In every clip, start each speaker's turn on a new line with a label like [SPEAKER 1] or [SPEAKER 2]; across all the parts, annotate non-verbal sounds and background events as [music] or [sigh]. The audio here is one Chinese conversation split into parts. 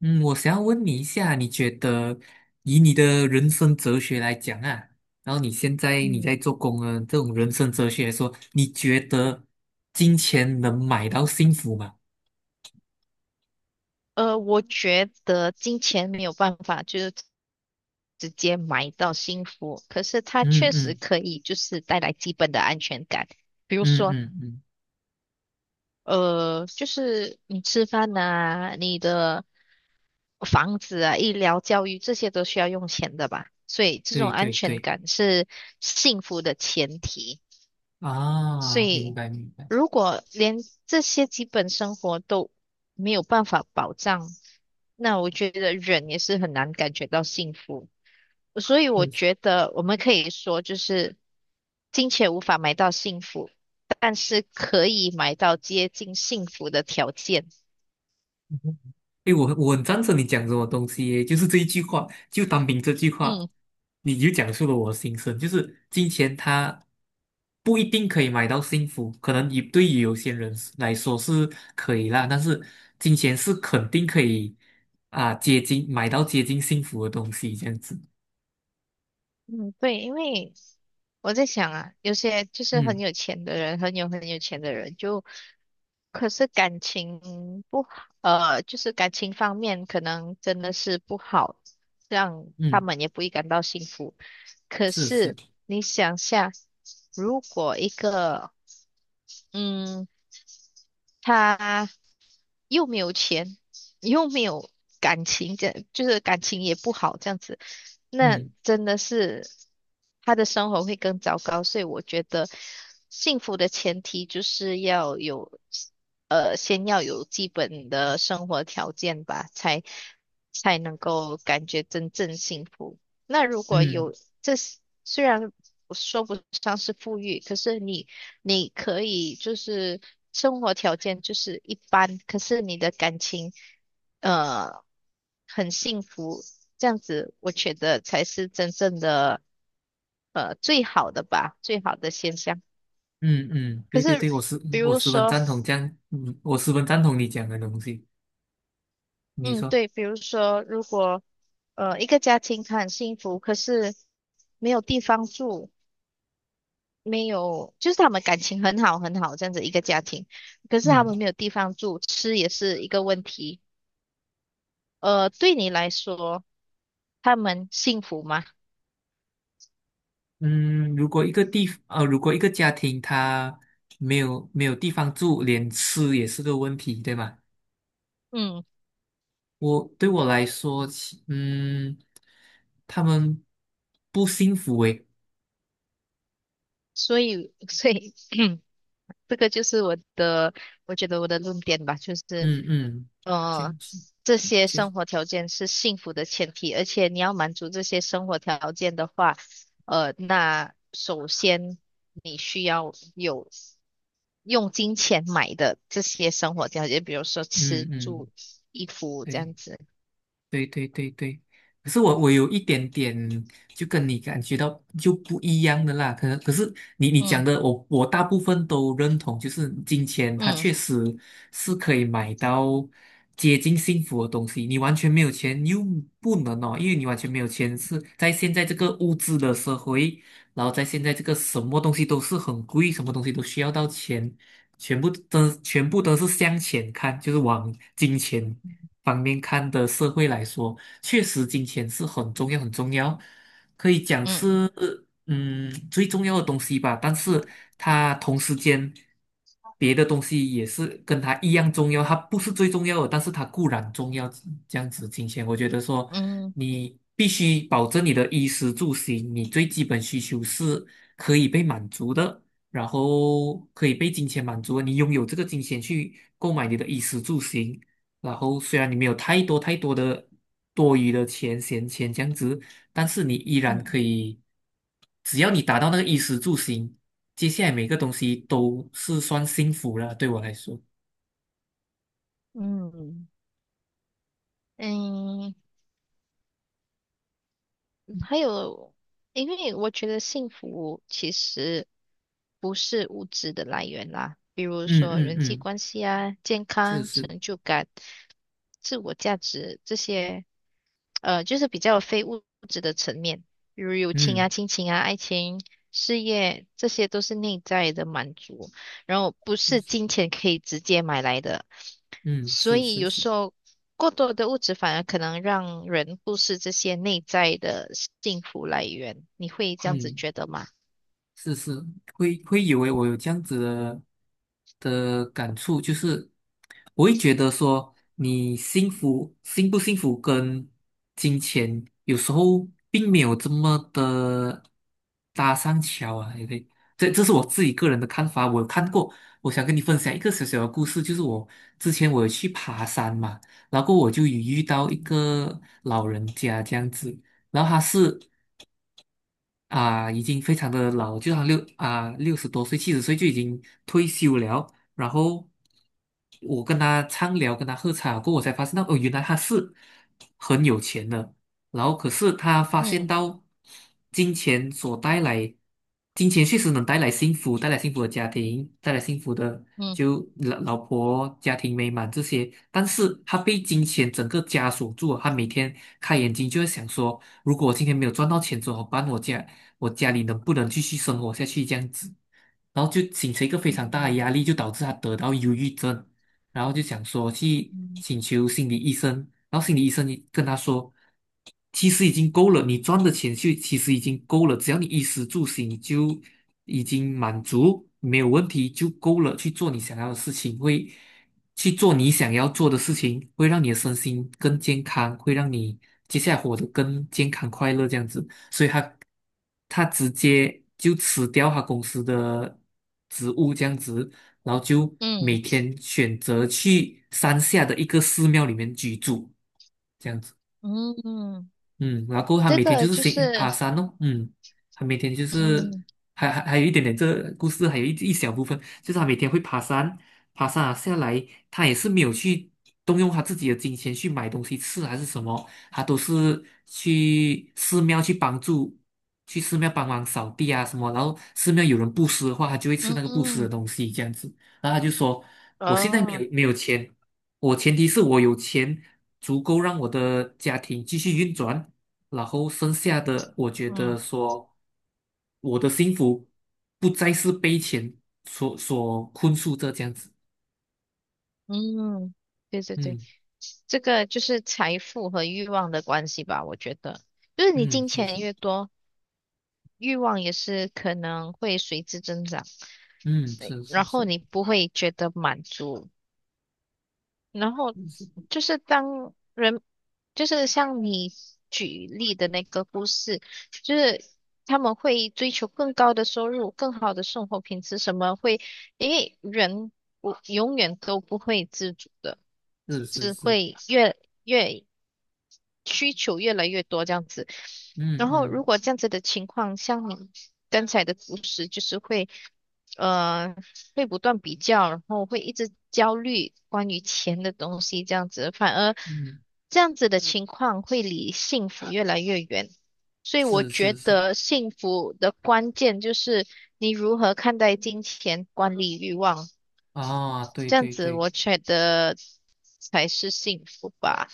[SPEAKER 1] 嗯，我想要问你一下，你觉得以你的人生哲学来讲啊，然后你现在你
[SPEAKER 2] 嗯
[SPEAKER 1] 在做工啊，这种人生哲学来说，你觉得金钱能买到幸福吗？
[SPEAKER 2] 我觉得金钱没有办法直接买到幸福，可是它
[SPEAKER 1] 嗯
[SPEAKER 2] 确实
[SPEAKER 1] 嗯
[SPEAKER 2] 可以带来基本的安全感，比如
[SPEAKER 1] 嗯
[SPEAKER 2] 说，
[SPEAKER 1] 嗯嗯，
[SPEAKER 2] 就是你吃饭呐、你的房子啊、医疗、教育这些都需要用钱的吧，所以这种
[SPEAKER 1] 对
[SPEAKER 2] 安
[SPEAKER 1] 对
[SPEAKER 2] 全
[SPEAKER 1] 对，
[SPEAKER 2] 感是幸福的前提。所
[SPEAKER 1] 啊，明
[SPEAKER 2] 以，
[SPEAKER 1] 白明白，
[SPEAKER 2] 如果连这些基本生活都没有办法保障，那我觉得人也是很难感觉到幸福。所以，我
[SPEAKER 1] 嗯
[SPEAKER 2] 觉得我们可以说，就是金钱无法买到幸福，但是可以买到接近幸福的条件。
[SPEAKER 1] 哎，我很赞成你讲什么东西耶，就是这一句话，就单凭这句话，
[SPEAKER 2] 嗯。
[SPEAKER 1] 你就讲述了我的心声，就是金钱它不一定可以买到幸福，可能也对于有些人是来说是可以啦，但是金钱是肯定可以啊，接近买到接近幸福的东西，这样子，
[SPEAKER 2] 嗯，对，因为我在想啊，有些就是很
[SPEAKER 1] 嗯
[SPEAKER 2] 有钱的人，很有钱的人，就可是感情不好，就是感情方面可能真的是不好，让他
[SPEAKER 1] 嗯，
[SPEAKER 2] 们也不会感到幸福。可
[SPEAKER 1] 是是。
[SPEAKER 2] 是你想下，如果一个，嗯，他又没有钱，又没有感情，这就是感情也不好，这样子，那
[SPEAKER 1] 嗯
[SPEAKER 2] 真的是他的生活会更糟糕。所以我觉得，幸福的前提就是要有，先要有基本的生活条件吧，才能够感觉真正幸福。那如果
[SPEAKER 1] 嗯
[SPEAKER 2] 有这，虽然我说不上是富裕，可是你可以就是生活条件就是一般，可是你的感情呃很幸福，这样子我觉得才是真正的最好的吧，最好的现象。
[SPEAKER 1] 嗯嗯，
[SPEAKER 2] 可
[SPEAKER 1] 对对
[SPEAKER 2] 是
[SPEAKER 1] 对，我十
[SPEAKER 2] 比
[SPEAKER 1] 我
[SPEAKER 2] 如
[SPEAKER 1] 十分
[SPEAKER 2] 说，
[SPEAKER 1] 赞同这样，我十分赞同你讲的东西。你
[SPEAKER 2] 嗯，
[SPEAKER 1] 说，
[SPEAKER 2] 对，比如说如果一个家庭他很幸福，可是没有地方住，没有就是他们感情很好这样子一个家庭，可是他们
[SPEAKER 1] 嗯。
[SPEAKER 2] 没有地方住，吃也是一个问题。呃，对你来说。他们幸福吗？
[SPEAKER 1] 嗯，如果一个地，如果一个家庭他没有地方住，连吃也是个问题，对吗？
[SPEAKER 2] 嗯，
[SPEAKER 1] 对我来说，他们不幸福诶，
[SPEAKER 2] 所以 [laughs] 所以 [clears throat] 这个就是我的，我觉得我的论点吧，就是
[SPEAKER 1] 嗯嗯，确
[SPEAKER 2] 呃，
[SPEAKER 1] 确
[SPEAKER 2] 这些
[SPEAKER 1] 确实，
[SPEAKER 2] 生活条件是幸福的前提，而且你要满足这些生活条件的话，呃，那首先你需要有用金钱买的这些生活条件，比如说吃
[SPEAKER 1] 嗯
[SPEAKER 2] 住
[SPEAKER 1] 嗯，
[SPEAKER 2] 衣服这
[SPEAKER 1] 对。
[SPEAKER 2] 样子。
[SPEAKER 1] 对对对对，可是我有一点点就跟你感觉到就不一样的啦，可能可是你讲
[SPEAKER 2] 嗯
[SPEAKER 1] 的我大部分都认同，就是金钱它
[SPEAKER 2] 嗯
[SPEAKER 1] 确实是可以买到接近幸福的东西，你完全没有钱又不能哦，因为你完全没有钱是在现在这个物质的社会，然后在现在这个什么东西都是很贵，什么东西都需要到钱，全部都是向钱看，就是往金钱，方面看的社会来说，确实金钱是很重要、很重要，可以讲
[SPEAKER 2] 嗯
[SPEAKER 1] 是最重要的东西吧。但是它同时间别的东西也是跟它一样重要，它不是最重要的，但是它固然重要。这样子，金钱，我觉得说
[SPEAKER 2] 嗯
[SPEAKER 1] 你必须保证你的衣食住行，你最基本需求是可以被满足的。然后可以被金钱满足，你拥有这个金钱去购买你的衣食住行，然后虽然你没有太多太多的多余的钱、闲钱这样子，但是你依然
[SPEAKER 2] 嗯
[SPEAKER 1] 可以，只要你达到那个衣食住行，接下来每个东西都是算幸福了。对我来说，
[SPEAKER 2] 嗯嗯，还有，因为我觉得幸福其实不是物质的来源啦，比如
[SPEAKER 1] 嗯
[SPEAKER 2] 说
[SPEAKER 1] 嗯
[SPEAKER 2] 人际
[SPEAKER 1] 嗯，
[SPEAKER 2] 关系啊、健
[SPEAKER 1] 是
[SPEAKER 2] 康、
[SPEAKER 1] 是，
[SPEAKER 2] 成就感、自我价值这些，就是比较非物质的层面，比如友情啊、
[SPEAKER 1] 嗯，
[SPEAKER 2] 亲情啊、爱情、事业，这些都是内在的满足，然后不
[SPEAKER 1] 就
[SPEAKER 2] 是
[SPEAKER 1] 是，
[SPEAKER 2] 金钱可以直接买来的。
[SPEAKER 1] 嗯
[SPEAKER 2] 所
[SPEAKER 1] 是
[SPEAKER 2] 以
[SPEAKER 1] 是
[SPEAKER 2] 有
[SPEAKER 1] 是，
[SPEAKER 2] 时候过多的物质反而可能让人忽视这些内在的幸福来源，你会这样子
[SPEAKER 1] 嗯。
[SPEAKER 2] 觉得吗？
[SPEAKER 1] 是是，会以为我有这样子的感触，就是我会觉得说，你幸不幸福跟金钱有时候并没有这么的搭上桥啊，对不对？这是我自己个人的看法，我有看过，我想跟你分享一个小小的故事，就是我之前有去爬山嘛，然后我就有遇到一
[SPEAKER 2] 嗯
[SPEAKER 1] 个老人家这样子。然后他是啊，已经非常的老，就他像60多岁、70岁就已经退休了。然后我跟他畅聊，跟他喝茶过后，我才发现到哦，原来他是很有钱的。然后可是他发现
[SPEAKER 2] 嗯
[SPEAKER 1] 到金钱所带来，金钱确实能带来幸福，带来幸福的家庭，带来幸福的
[SPEAKER 2] 嗯
[SPEAKER 1] 就老婆、家庭美满这些。但是他被金钱整个枷锁住了，他每天开眼睛就会想说，如果我今天没有赚到钱怎么办？我家里能不能继续生活下去这样子，然后就形成一个非常大的
[SPEAKER 2] 嗯
[SPEAKER 1] 压力，就导致他得到忧郁症，然后就想说去请求心理医生，然后心理医生跟他说，其实已经够了，你赚的钱就其实已经够了，只要你衣食住行就已经满足，没有问题就够了，去做你想要的事情，会去做你想要做的事情，会让你的身心更健康，会让你接下来活得更健康快乐这样子。所以他直接就辞掉他公司的职务这样子，然后就每
[SPEAKER 2] 嗯
[SPEAKER 1] 天选择去山下的一个寺庙里面居住。这样子。
[SPEAKER 2] 嗯嗯，
[SPEAKER 1] 嗯，然后过后他
[SPEAKER 2] 这
[SPEAKER 1] 每天就
[SPEAKER 2] 个
[SPEAKER 1] 是
[SPEAKER 2] 就
[SPEAKER 1] 行
[SPEAKER 2] 是
[SPEAKER 1] 爬山哦，他每天就是
[SPEAKER 2] 嗯
[SPEAKER 1] 还有一点点这个故事，还有一小部分，就是他每天会爬山，爬山啊下来，他也是没有去动用他自己的金钱去买东西吃还是什么，他都是去寺庙去帮助，去寺庙帮忙扫地啊什么，然后寺庙有人布施的话，他就会吃
[SPEAKER 2] 嗯
[SPEAKER 1] 那个布施的
[SPEAKER 2] 嗯
[SPEAKER 1] 东西这样子，然后他就说，我现在没
[SPEAKER 2] 哦
[SPEAKER 1] 有没有钱。我前提是我有钱足够让我的家庭继续运转，然后剩下的，我觉得
[SPEAKER 2] 嗯。
[SPEAKER 1] 说，我的幸福不再是被钱所困束着这样子。
[SPEAKER 2] 嗯，对对对，
[SPEAKER 1] 嗯
[SPEAKER 2] 这个就是财富和欲望的关系吧，我觉得，就是你
[SPEAKER 1] 嗯，
[SPEAKER 2] 金
[SPEAKER 1] 是是，
[SPEAKER 2] 钱越多，欲望也是可能会随之增长，
[SPEAKER 1] 嗯
[SPEAKER 2] 对，
[SPEAKER 1] 是是
[SPEAKER 2] 然后
[SPEAKER 1] 是
[SPEAKER 2] 你不会觉得满足，然后
[SPEAKER 1] 是
[SPEAKER 2] 就是当人，就是像你举例的那个故事，就是他们会追求更高的收入、更好的生活品质，什么会，因为人不永远都不会知足的。
[SPEAKER 1] 是是
[SPEAKER 2] 只
[SPEAKER 1] 是，
[SPEAKER 2] 会越需求越来越多这样子。
[SPEAKER 1] 嗯
[SPEAKER 2] 然后如
[SPEAKER 1] 嗯
[SPEAKER 2] 果这样子的情况，像你刚才的故事，就是会呃会不断比较，然后会一直焦虑关于钱的东西这样子，反而
[SPEAKER 1] 嗯，
[SPEAKER 2] 这样子的情况会离幸福越来越远。所以我
[SPEAKER 1] 是
[SPEAKER 2] 觉
[SPEAKER 1] 是是，
[SPEAKER 2] 得幸福的关键就是你如何看待金钱、管理欲望，
[SPEAKER 1] 啊，对
[SPEAKER 2] 这样
[SPEAKER 1] 对
[SPEAKER 2] 子
[SPEAKER 1] 对。
[SPEAKER 2] 我觉得才是幸福吧。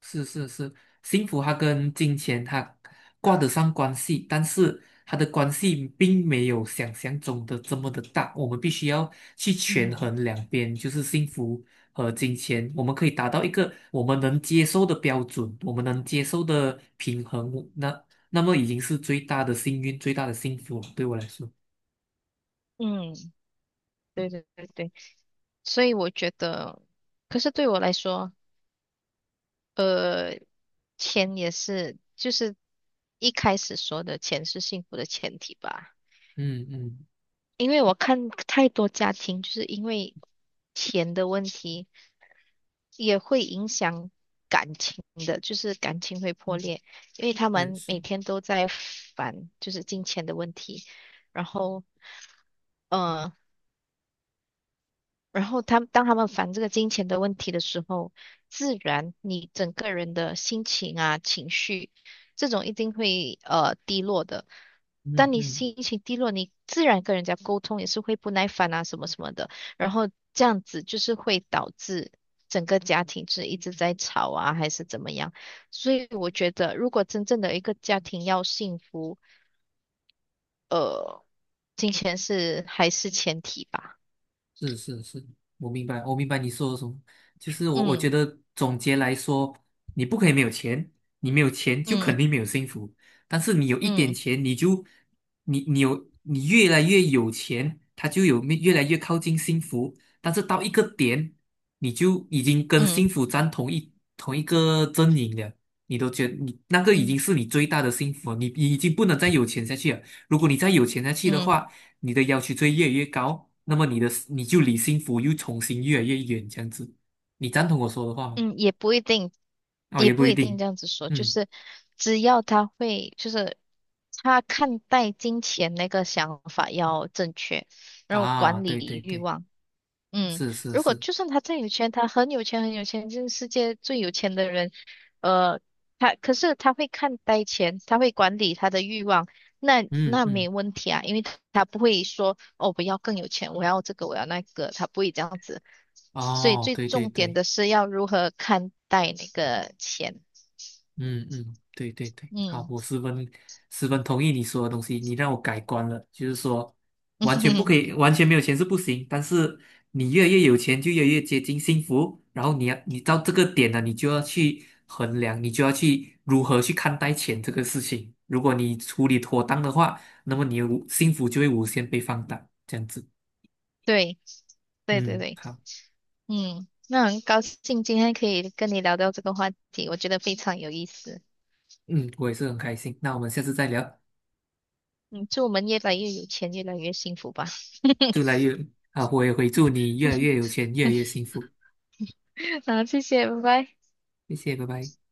[SPEAKER 1] 是是是，幸福它跟金钱它挂得上关系，但是它的关系并没有想象中的这么的大。我们必须要去
[SPEAKER 2] 嗯
[SPEAKER 1] 权衡两边，就是幸福和金钱，我们可以达到一个我们能接受的标准，我们能接受的平衡，那么已经是最大的幸运，最大的幸福了对我来说，
[SPEAKER 2] 嗯，对对对对，所以我觉得，可是对我来说，钱也是，就是一开始说的钱是幸福的前提吧。
[SPEAKER 1] 嗯嗯
[SPEAKER 2] 因为我看太多家庭，就是因为钱的问题，也会影响感情的，就是感情会破
[SPEAKER 1] 嗯，
[SPEAKER 2] 裂，因为他
[SPEAKER 1] 是
[SPEAKER 2] 们
[SPEAKER 1] 是，
[SPEAKER 2] 每天都在烦，就是金钱的问题，然后。嗯，然后他们当他们烦这个金钱的问题的时候，自然你整个人的心情啊、情绪，这种一定会低落的。
[SPEAKER 1] 嗯
[SPEAKER 2] 当你
[SPEAKER 1] 嗯。
[SPEAKER 2] 心情低落，你自然跟人家沟通也是会不耐烦啊，什么什么的。然后这样子就是会导致整个家庭是一直在吵啊，还是怎么样。所以我觉得，如果真正的一个家庭要幸福，呃，金钱是还是前提吧。
[SPEAKER 1] 是是是，我明白，我明白你说的什么。就是我
[SPEAKER 2] 嗯
[SPEAKER 1] 觉得总结来说，你不可以没有钱，你没有钱就
[SPEAKER 2] 嗯
[SPEAKER 1] 肯定没有幸福。但是你有一点
[SPEAKER 2] 嗯
[SPEAKER 1] 钱，你就你你有你越来越有钱，它就有越来越靠近幸福。但是到一个点，你就已经跟
[SPEAKER 2] 嗯
[SPEAKER 1] 幸福站同一个阵营了，你都觉得你那个已
[SPEAKER 2] 嗯。
[SPEAKER 1] 经是你最大的幸福了你已经不能再有钱下去了。如果你再有钱下去的
[SPEAKER 2] 嗯
[SPEAKER 1] 话，你的要求就会越来越高，那么你就离幸福又重新越来越远，这样子，你赞同我说的话吗？
[SPEAKER 2] 嗯，也不一定，
[SPEAKER 1] 哦，
[SPEAKER 2] 也
[SPEAKER 1] 也不
[SPEAKER 2] 不
[SPEAKER 1] 一
[SPEAKER 2] 一定
[SPEAKER 1] 定，
[SPEAKER 2] 这样子说，就
[SPEAKER 1] 嗯
[SPEAKER 2] 是只要他会，就是他看待金钱那个想法要正确，然后
[SPEAKER 1] 啊，
[SPEAKER 2] 管
[SPEAKER 1] 对对
[SPEAKER 2] 理欲
[SPEAKER 1] 对，
[SPEAKER 2] 望。嗯，
[SPEAKER 1] 是是
[SPEAKER 2] 如果
[SPEAKER 1] 是，
[SPEAKER 2] 就算他再有钱，很有钱就是世界最有钱的人，呃，他可是他会看待钱，他会管理他的欲望，
[SPEAKER 1] 嗯
[SPEAKER 2] 那
[SPEAKER 1] 嗯，
[SPEAKER 2] 没问题啊，因为他不会说哦，我要更有钱，我要这个，我要那个，他不会这样子。所以
[SPEAKER 1] 哦，
[SPEAKER 2] 最
[SPEAKER 1] 对对
[SPEAKER 2] 重点
[SPEAKER 1] 对。
[SPEAKER 2] 的是要如何看待那个钱。
[SPEAKER 1] 嗯嗯，对对对，好，
[SPEAKER 2] 嗯，
[SPEAKER 1] 我十分十分同意你说的东西，你让我改观了，就是说完全不
[SPEAKER 2] [laughs]
[SPEAKER 1] 可以，完全没有钱是不行，但是你越来越有钱就越来越接近幸福，然后你到这个点了，你就要去衡量，你就要去如何去看待钱这个事情。如果你处理妥当的话，那么你的无幸福就会无限被放大，这样子。
[SPEAKER 2] 对对对
[SPEAKER 1] 嗯，
[SPEAKER 2] 对，
[SPEAKER 1] 好，
[SPEAKER 2] 嗯，那很高兴今天可以跟你聊到这个话题，我觉得非常有意思。
[SPEAKER 1] 嗯，我也是很开心，那我们下次再聊，
[SPEAKER 2] 嗯，祝我们越来越有钱，越来越幸福吧。
[SPEAKER 1] 祝来越啊，我也会祝你越来越有
[SPEAKER 2] [laughs]
[SPEAKER 1] 钱，越来越幸福。
[SPEAKER 2] 好，谢谢，拜拜。
[SPEAKER 1] 谢谢，拜拜。